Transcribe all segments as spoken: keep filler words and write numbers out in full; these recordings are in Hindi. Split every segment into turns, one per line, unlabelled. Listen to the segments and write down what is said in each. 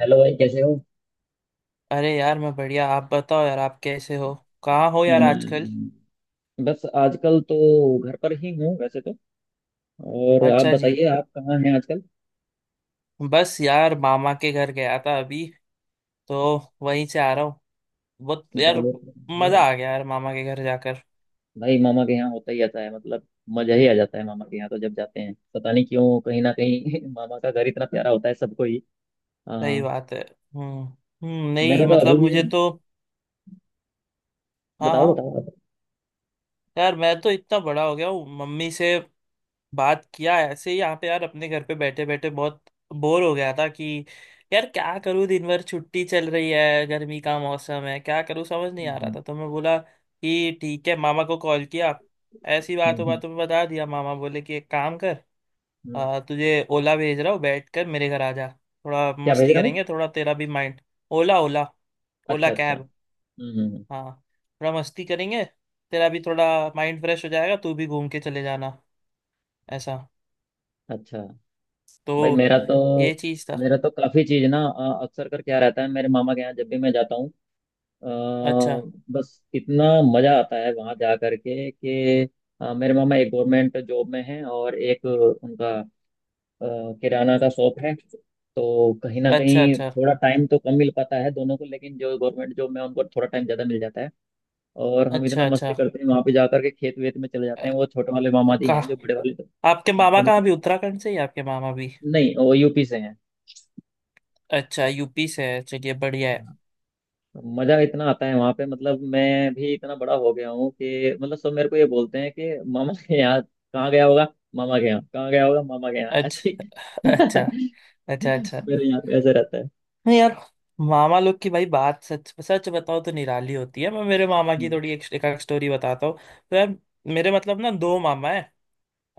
हेलो भाई, कैसे हो?
अरे यार, मैं बढ़िया। आप बताओ यार, आप कैसे हो? कहाँ हो यार आजकल?
मैं, बस आजकल तो घर पर ही हूँ वैसे तो। और आप
अच्छा जी।
बताइए, आप कहाँ हैं आजकल?
बस यार, मामा के घर गया था अभी, तो वहीं से आ रहा हूँ। बहुत यार,
बहुत
मजा
बढ़िया।
आ गया यार मामा के घर जाकर।
भाई, मामा के यहाँ होता ही आता है मतलब, मजा ही आ जाता है मामा के यहाँ तो जब जाते हैं, पता नहीं क्यों, कहीं ना कहीं मामा का घर इतना प्यारा होता है सबको ही।
सही
आ,
बात है। हम्म। हम्म,
मेरा
नहीं
तो
मतलब
अभी भी।
मुझे तो... हाँ
बताओ
हाँ।
बताओ आप।
यार मैं तो इतना बड़ा हो गया हूँ, मम्मी से बात किया ऐसे ही, यहाँ पे यार अपने घर पे बैठे बैठे बहुत बोर हो गया था कि यार क्या करूँ, दिन भर छुट्टी चल रही है, गर्मी का मौसम है, क्या करूँ समझ नहीं आ रहा
हम्म,
था। तो मैं बोला कि ठीक है, मामा को कॉल किया। ऐसी बातों
हम्म,
बातों में बता दिया, मामा बोले कि एक काम कर,
हम्म।
आ, तुझे ओला भेज रहा हूँ, बैठ कर मेरे घर आ जा, थोड़ा
क्या भेज
मस्ती
रहा हूँ?
करेंगे, थोड़ा तेरा भी माइंड... ओला। ओला, ओला
अच्छा अच्छा।
कैब।
हम्म हम्म, हम्म।
हाँ, थोड़ा मस्ती करेंगे, तेरा भी थोड़ा माइंड फ्रेश हो जाएगा, तू भी घूम के चले जाना, ऐसा।
अच्छा। भाई
तो
मेरा तो
ये चीज था।
मेरा तो काफी चीज ना अ, अक्सर कर क्या रहता है मेरे मामा के यहाँ जब भी मैं जाता हूँ। अ,
अच्छा
बस इतना मज़ा आता है वहाँ जा करके कि अ, मेरे मामा एक गवर्नमेंट जॉब में हैं और एक उनका अ, किराना का शॉप है। तो कहीं ना
अच्छा।
कहीं
अच्छा,
थोड़ा टाइम तो कम मिल पाता है दोनों को, लेकिन जो गवर्नमेंट जॉब में उनको थोड़ा टाइम ज़्यादा मिल जाता है। और हम इतना
अच्छा अच्छा।
मस्ती करते हैं वहाँ पे जा करके, खेत वेत में चले जाते
अ-
हैं। वो छोटे वाले मामा जी
कहा,
हैं, जो बड़े वाले तो
आपके मामा
बड़े
कहाँ भी, उत्तराखंड से ही आपके मामा भी?
नहीं, वो यू पी से हैं।
अच्छा, यूपी से है, चलिए बढ़िया है।
मजा इतना आता है वहां पे, मतलब मैं भी इतना बड़ा हो गया हूँ कि मतलब सब मेरे को ये बोलते हैं कि मामा के यहाँ कहाँ गया होगा, मामा के यहाँ कहाँ गया होगा, मामा के यहाँ ऐसे
अच्छा,
ही।
अच्छा अच्छा अच्छा।
मेरे यहाँ पे ऐसे रहता है।
नहीं यार, मामा लोग की भाई बात सच सच बताओ तो निराली होती है। मैं मेरे मामा की
हम्म,
थोड़ी एक, एक स्टोरी बताता हूँ। तो यार, मेरे मतलब ना दो मामा है,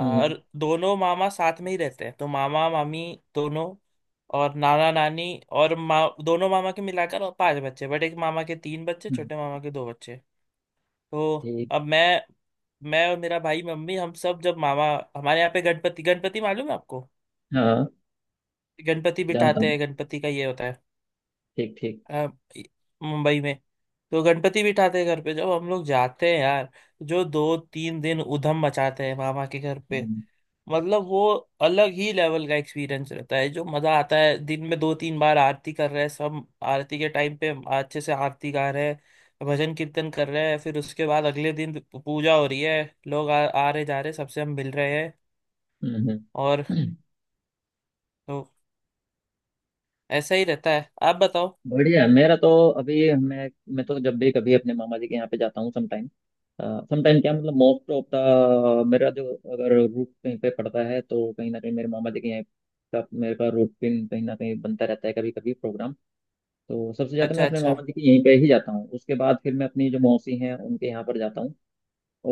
हम्म,
और दोनों मामा साथ में ही रहते हैं। तो मामा मामी दोनों, और नाना नानी, और मा दोनों मामा के मिलाकर और पांच बच्चे, बट एक मामा के तीन बच्चे,
हम्म।
छोटे मामा के दो बच्चे। तो
ठीक।
अब मैं मैं और मेरा भाई, मम्मी, हम सब जब मामा... हमारे यहाँ पे गणपति, गणपति मालूम है आपको?
हाँ,
गणपति
जानता
बिठाते
हूँ।
हैं, गणपति का ये होता है,
ठीक ठीक।
अ, मुंबई में। तो गणपति बिठाते हैं घर पे। जब हम लोग जाते हैं यार, जो दो तीन दिन उधम मचाते हैं मामा के घर पे,
हम्म,
मतलब वो अलग ही लेवल का एक्सपीरियंस रहता है, जो मजा आता है। दिन में दो तीन बार आरती कर रहे हैं सब, आरती के टाइम पे अच्छे से आरती गा रहे हैं, भजन कीर्तन कर रहे हैं, फिर उसके बाद अगले दिन पूजा हो रही है, लोग आ, आ रहे जा रहे, सबसे हम मिल रहे हैं।
हम्म,
और
हम्म।
तो ऐसा ही रहता है। आप बताओ।
बढ़िया है। मेरा तो अभी। मैं मैं तो जब भी कभी अपने मामा जी के यहाँ पे जाता हूँ, समटाइम, समटाइम क्या, मतलब मोस्ट ऑफ द, मेरा जो अगर रूट कहीं पे पड़ता है, तो कहीं ना कहीं मेरे मामा जी के यहाँ का, मेरे का रूटीन कहीं ना कहीं बनता रहता है, कभी कभी प्रोग्राम। तो सबसे ज्यादा
अच्छा
मैं अपने
अच्छा।
मामा जी के यहीं पे ही जाता हूँ, उसके बाद फिर मैं अपनी जो मौसी हैं उनके यहाँ पर जाता हूँ।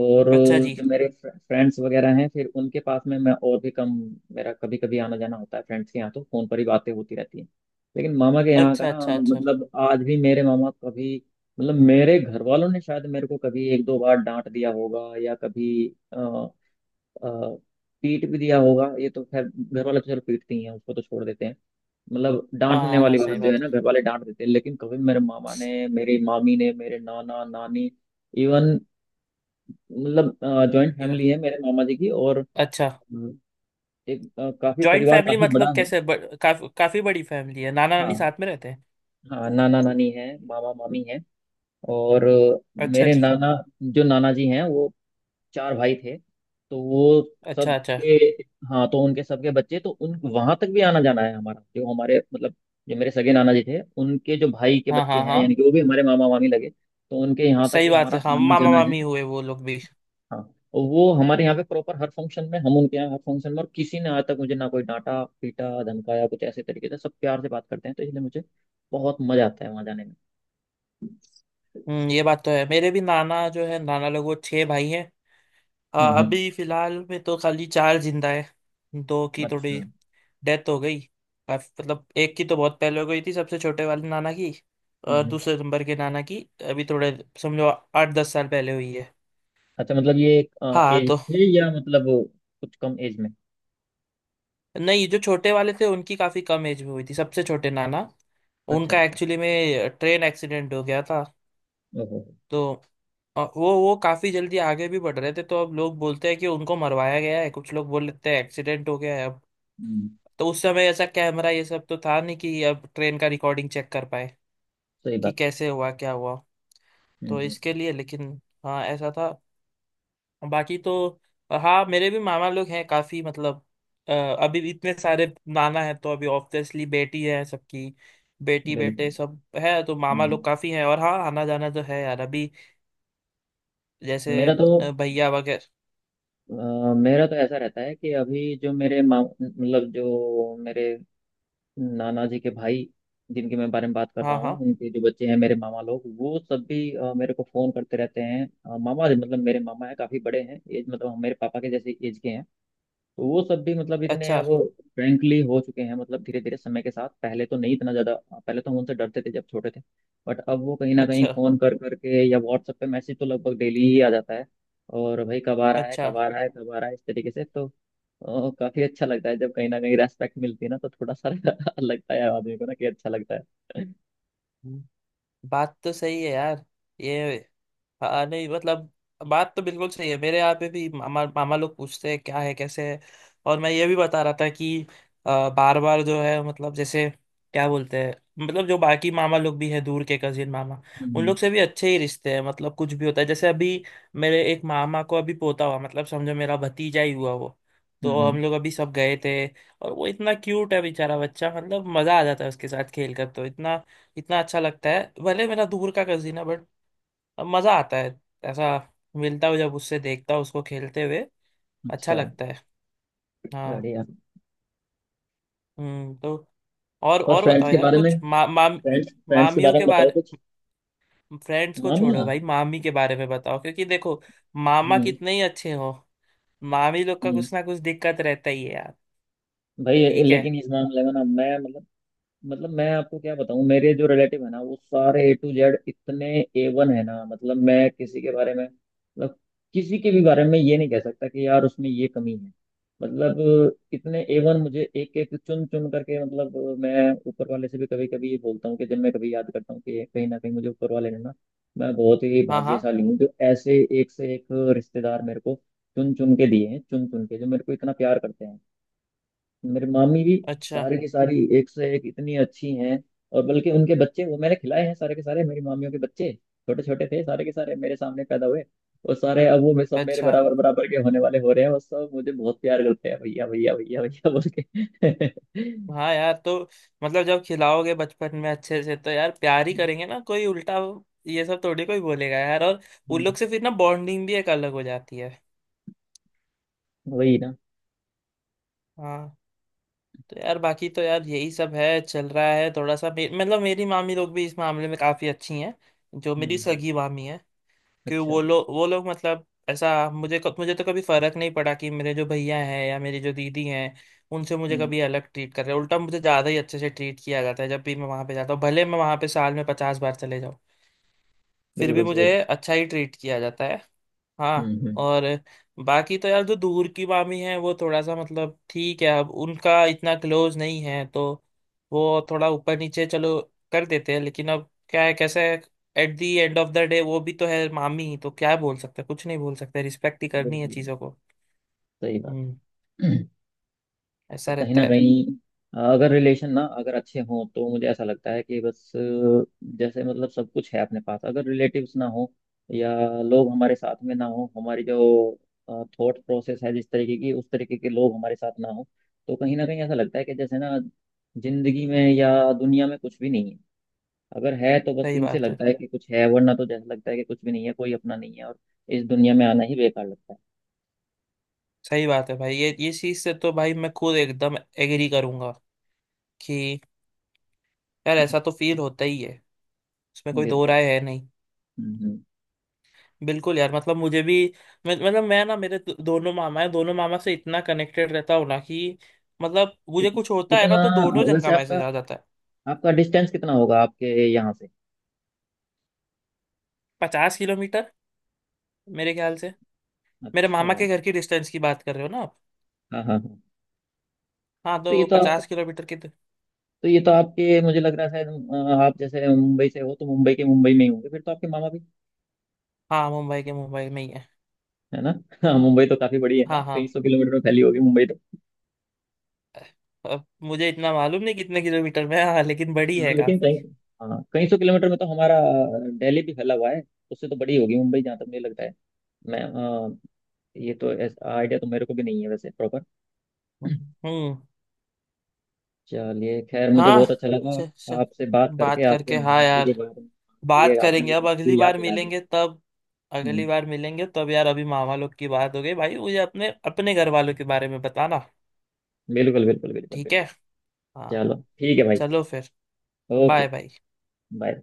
और
अच्छा जी।
जो मेरे फ्रेंड्स वगैरह हैं, फिर उनके पास में मैं और भी कम, मेरा कभी कभी आना जाना होता है फ्रेंड्स के यहाँ, तो फोन पर ही बातें होती रहती हैं। लेकिन मामा के यहाँ का
अच्छा
ना,
अच्छा अच्छा।
मतलब आज भी मेरे मामा कभी, मतलब मेरे घर वालों ने शायद मेरे को कभी एक दो बार डांट दिया होगा, या कभी अ, अ, पीट भी दिया होगा, ये तो खैर घर वाले तो चलो पीटते ही हैं, उसको तो छोड़ देते हैं। मतलब
हाँ
डांटने
हाँ हाँ,
वाली बात
सही
जो है
बात
ना,
है।
घर वाले डांट देते हैं, लेकिन कभी मेरे मामा ने, मेरी मामी ने, मेरे नाना नानी, इवन मतलब जॉइंट
ये वो-
फैमिली है मेरे मामा जी की। और
अच्छा।
हम्म। एक अ, काफी
जॉइंट
परिवार
फैमिली
काफी बड़ा
मतलब
है।
कैसे, ब, काफ, काफी बड़ी फैमिली है, नाना नानी
हाँ
साथ में रहते हैं?
हाँ, नाना नानी है मामा मामी है। और अ,
अच्छा
मेरे
जी।
नाना, जो नाना जी हैं वो चार भाई थे, तो वो
अच्छा अच्छा।
सबके। हाँ, तो उनके सबके बच्चे, तो उन, वहां तक भी आना जाना है हमारा, जो हमारे मतलब, जो मेरे सगे नाना जी थे उनके जो भाई के
हाँ
बच्चे
हाँ
हैं,
हाँ,
यानी कि वो भी हमारे मामा मामी लगे, तो उनके यहाँ तक
सही
भी
बात
हमारा
है। हाँ,
आना
मामा
जाना है।
मामी हुए वो लोग भी।
हाँ, और वो हमारे यहाँ पे प्रॉपर हर फंक्शन में, हम उनके यहाँ हर फंक्शन में, और किसी ने आज तक मुझे ना कोई डांटा, पीटा, धमकाया कुछ ऐसे तरीके से, सब प्यार से बात करते हैं, तो इसलिए मुझे बहुत मजा आता है वहाँ जाने में।
हम्म, ये बात तो है। मेरे भी नाना जो है, नाना लोग वो छह भाई हैं। अ,
हम्म हम्म।
अभी फिलहाल में तो खाली चार जिंदा है। दो की
अच्छा।
थोड़ी
हम्म
डेथ हो गई। काफ- मतलब एक की तो बहुत पहले हो गई थी, सबसे छोटे वाले नाना की, और
हम्म।
दूसरे नंबर के नाना की अभी थोड़े, समझो आठ दस साल पहले हुई है।
अच्छा, मतलब ये एक
हाँ
एज
तो...
थे, या मतलब कुछ कम एज में।
नहीं, जो छोटे वाले थे उनकी काफी कम एज में हुई थी, सबसे छोटे नाना।
अच्छा
उनका
अच्छा।
एक्चुअली में ट्रेन एक्सीडेंट हो गया था।
ओहो।
तो अ, वो वो काफी जल्दी आगे भी बढ़ रहे थे, तो अब लोग बोलते हैं कि उनको मरवाया गया है, कुछ लोग बोल लेते हैं एक्सीडेंट हो गया है। अब
हम्म।
तो उस समय ऐसा कैमरा ये सब तो था नहीं कि अब ट्रेन का रिकॉर्डिंग चेक कर पाए
सही
कि
बात है।
कैसे हुआ क्या हुआ।
हम्म
तो
हम्म,
इसके लिए लेकिन, हाँ ऐसा था। बाकी तो, अ, हाँ मेरे भी मामा लोग हैं काफी, मतलब अ, अभी भी इतने सारे नाना है, तो अभी ऑब्वियसली बेटी है सबकी, बेटी
बिल्कुल।
बेटे सब है, तो मामा लोग
हम्म।
काफी हैं। और हाँ, आना जाना तो है यार अभी, जैसे
मेरा तो
अ, भैया वगैरह।
अ, मेरा तो ऐसा रहता है कि अभी जो मेरे माँ, मतलब जो मेरे नाना जी के भाई, जिनके मैं बारे में बात कर
हाँ
रहा
हाँ।
हूँ, उनके जो बच्चे हैं मेरे मामा लोग, वो सब भी अ, मेरे को फ़ोन करते रहते हैं। अ, मामा जी मतलब मेरे मामा हैं, काफ़ी बड़े हैं एज, मतलब हम- मेरे पापा के जैसे एज के हैं। तो वो सब भी मतलब इतने
अच्छा
अब फ्रेंकली हो चुके हैं, मतलब धीरे धीरे समय के साथ, पहले तो नहीं इतना ज़्यादा, पहले तो हम उनसे डरते थे जब छोटे थे, बट अब वो कहीं ना कहीं
अच्छा
फ़ोन कर करके या WhatsApp पे मैसेज तो लगभग डेली ही आ जाता है। और, भाई कब आ रहा है,
अच्छा।
कब आ रहा है, कब आ रहा है इस तरीके से, तो ओ, काफी अच्छा लगता है जब कहीं ना कहीं रेस्पेक्ट मिलती है ना, तो थोड़ा सा लगता है आदमी को ना, कि अच्छा लगता है।
बात तो सही है यार, ये... हाँ, नहीं मतलब बात तो बिल्कुल सही है। मेरे यहाँ पे भी मामा, मामा लोग पूछते हैं क्या है कैसे है। और मैं ये भी बता रहा था कि बार बार जो है, मतलब जैसे क्या बोलते हैं, मतलब जो बाकी मामा लोग भी हैं दूर के कजिन मामा, उन
हम्म
लोग से भी अच्छे ही रिश्ते हैं। मतलब कुछ भी होता है, जैसे अभी मेरे एक मामा को अभी पोता हुआ, मतलब समझो मेरा भतीजा ही हुआ वो। तो हम
हम्म,
लोग अभी सब गए थे, और वो इतना क्यूट है बेचारा बच्चा, मतलब मजा आ जाता है उसके साथ खेल कर। तो इतना इतना अच्छा लगता है, भले मेरा दूर का कजिन है, बट मजा आता है। ऐसा मिलता हूँ जब उससे, देखता हूँ उसको खेलते हुए, अच्छा
अच्छा।
लगता है। हाँ।
बढ़िया।
हम्म। तो और
और
और
फ्रेंड्स
बताओ
के
यार
बारे में।
कुछ मा, माम
फ्रेंड्स, फ्रेंड्स के
मामियों
बारे
के
में बताओ
बारे।
कुछ।
फ्रेंड्स को छोड़ो
मामिया।
भाई, मामी के बारे में बताओ, क्योंकि देखो मामा
हम्म
कितने ही अच्छे हो, मामी लोग का
हम्म।
कुछ ना कुछ दिक्कत रहता ही है यार।
भाई
ठीक है।
लेकिन इस मामले में ना मैं, मतलब, मतलब मैं आपको क्या बताऊं, मेरे जो रिलेटिव है ना, वो सारे ए टू जेड, इतने ए वन है ना। मतलब मैं किसी के बारे में, मतलब किसी के भी बारे में ये नहीं कह सकता कि यार उसमें ये कमी है। मतलब इतने ए वन, मुझे एक एक चुन चुन करके, मतलब मैं ऊपर वाले से भी कभी कभी ये बोलता हूँ कि जब मैं कभी याद करता हूँ कि कहीं ना कहीं मुझे ऊपर वाले ने ना, मैं बहुत ही
हाँ हाँ।
भाग्यशाली हूँ जो ऐसे एक से एक रिश्तेदार मेरे को चुन चुन के दिए हैं, चुन चुन के जो मेरे को इतना प्यार करते हैं। मेरे मामी भी
अच्छा
सारी की सारी एक से एक इतनी अच्छी हैं, और बल्कि उनके बच्चे, वो मैंने खिलाए हैं सारे के सारे मेरी मामियों के बच्चे, छोटे छोटे थे सारे के सारे मेरे सामने पैदा हुए। और सारे अब वो, मैं सब, मेरे
अच्छा।
बराबर बराबर के होने वाले हो रहे हैं, और सब मुझे बहुत प्यार करते हैं भैया भैया भैया भैया बोल के।
हाँ यार, तो मतलब जब खिलाओगे बचपन में अच्छे से, तो यार प्यार ही करेंगे ना, कोई उल्टा ये सब थोड़ी कोई बोलेगा यार। और उन लोग से फिर ना बॉन्डिंग भी एक अलग हो जाती है।
वही ना।
हाँ। तो यार बाकी तो यार यही सब है, चल रहा है। थोड़ा सा मे, मतलब मेरी मामी लोग भी इस मामले में काफी अच्छी हैं, जो मेरी
हम्म।
सगी मामी है, कि
अच्छा।
वो लोग वो लोग मतलब ऐसा, मुझे मुझे तो कभी फर्क नहीं पड़ा कि मेरे जो भैया हैं या मेरी जो दीदी हैं, उनसे मुझे
हम्म।
कभी अलग ट्रीट कर रहे हैं। उल्टा मुझे ज़्यादा ही अच्छे से ट्रीट किया जाता है, जब भी मैं वहाँ पे जाता हूँ, भले मैं वहाँ पे साल में पचास बार चले जाऊँ, फिर भी
बिल्कुल
मुझे
सही बात।
अच्छा ही ट्रीट किया जाता है। हाँ।
हम्म हम्म।
और बाकी तो यार, जो दूर की मामी है वो थोड़ा सा, मतलब ठीक है, अब उनका इतना क्लोज नहीं है, तो वो थोड़ा ऊपर नीचे चलो कर देते हैं। लेकिन अब क्या है कैसे, at the end of the day वो भी तो है मामी, तो क्या बोल सकते हैं? कुछ नहीं बोल सकते, रिस्पेक्ट ही करनी है
बिल्कुल
चीज़ों को।
सही बात
हम्म।
है। पर
ऐसा
कहीं
रहता
ना
है।
कहीं अ, अगर रिलेशन ना, अगर अच्छे हों, तो मुझे ऐसा लगता है कि बस अ, जैसे मतलब सब कुछ है अपने पास। अगर रिलेटिव्स ना हो, या लोग हमारे साथ में ना हो, हमारी जो थॉट प्रोसेस है जिस तरीके की, उस तरीके के लोग हमारे साथ ना हो, तो कहीं ना कहीं ऐसा लगता है कि जैसे ना, जिंदगी में या दुनिया में कुछ भी नहीं है। अगर है तो बस
सही
इनसे
बात है।
लगता है कि कुछ है, वरना तो जैसा लगता है कि कुछ भी नहीं है, कोई अपना नहीं है, और इस दुनिया में आना ही बेकार लगता
सही बात है भाई, ये ये चीज़ से तो भाई मैं खुद एकदम एग्री करूंगा कि यार ऐसा तो फील होता ही है, इसमें
है।
कोई दो
बिल्कुल।
राय है नहीं।
हम्म हम्म।
बिल्कुल यार। मतलब मुझे भी, मैं, मतलब मैं ना, मेरे दो- दोनों मामा है, दोनों मामा से इतना कनेक्टेड रहता हूँ ना कि मतलब मुझे
कित-
कुछ होता है ना,
कितना,
तो दोनों जन का
वैसे
मैसेज
आपका
आ जाता है।
आपका डिस्टेंस कितना होगा आपके यहाँ से?
पचास किलोमीटर मेरे ख्याल से। मेरे
अच्छा।
मामा के घर की डिस्टेंस की बात कर रहे हो ना आप?
हाँ हाँ हाँ।
हाँ,
तो ये
तो
तो आप
पचास किलोमीटर की तो...
तो ये तो आपके, मुझे लग रहा है शायद, अ, आप जैसे मुंबई से हो तो मुंबई के मुंबई में ही होंगे फिर तो आपके मामा भी।
हाँ, मुंबई के मुंबई में ही है।
है ना? हाँ, मुंबई तो काफी बड़ी है ना,
हाँ हाँ,
कई सौ किलोमीटर में फैली होगी मुंबई तो।
अब मुझे इतना मालूम नहीं कितने किलोमीटर में है, हाँ लेकिन बड़ी
हाँ
है
लेकिन
काफी।
कई, हाँ कई सौ किलोमीटर में तो हमारा अ, दिल्ली भी फैला हुआ है, उससे तो बड़ी होगी मुंबई जहाँ तक मुझे लगता है। मैं, अ, ये तो आइडिया तो मेरे को भी नहीं है वैसे प्रॉपर।
हम्म।
चलिए खैर, मुझे
हाँ।
बहुत अच्छा लगा
च, च,
आपसे बात करके।
बात
आपके
करके, हाँ
मामा जी के
यार
बारे में, मामा जी के
बात
आपने
करेंगे।
भी
अब अगली
मुझे याद
बार
दिला दी।
मिलेंगे तब, अगली
हम्म।
बार मिलेंगे तब यार। अभी मामा लोग की बात हो गई भाई, मुझे अपने अपने घर वालों के बारे में बताना।
बिल्कुल बिल्कुल बिल्कुल
ठीक है।
बिल्कुल।
हाँ।
चलो ठीक है भाई।
चलो फिर, बाय
ओके।
बाय।
बाय।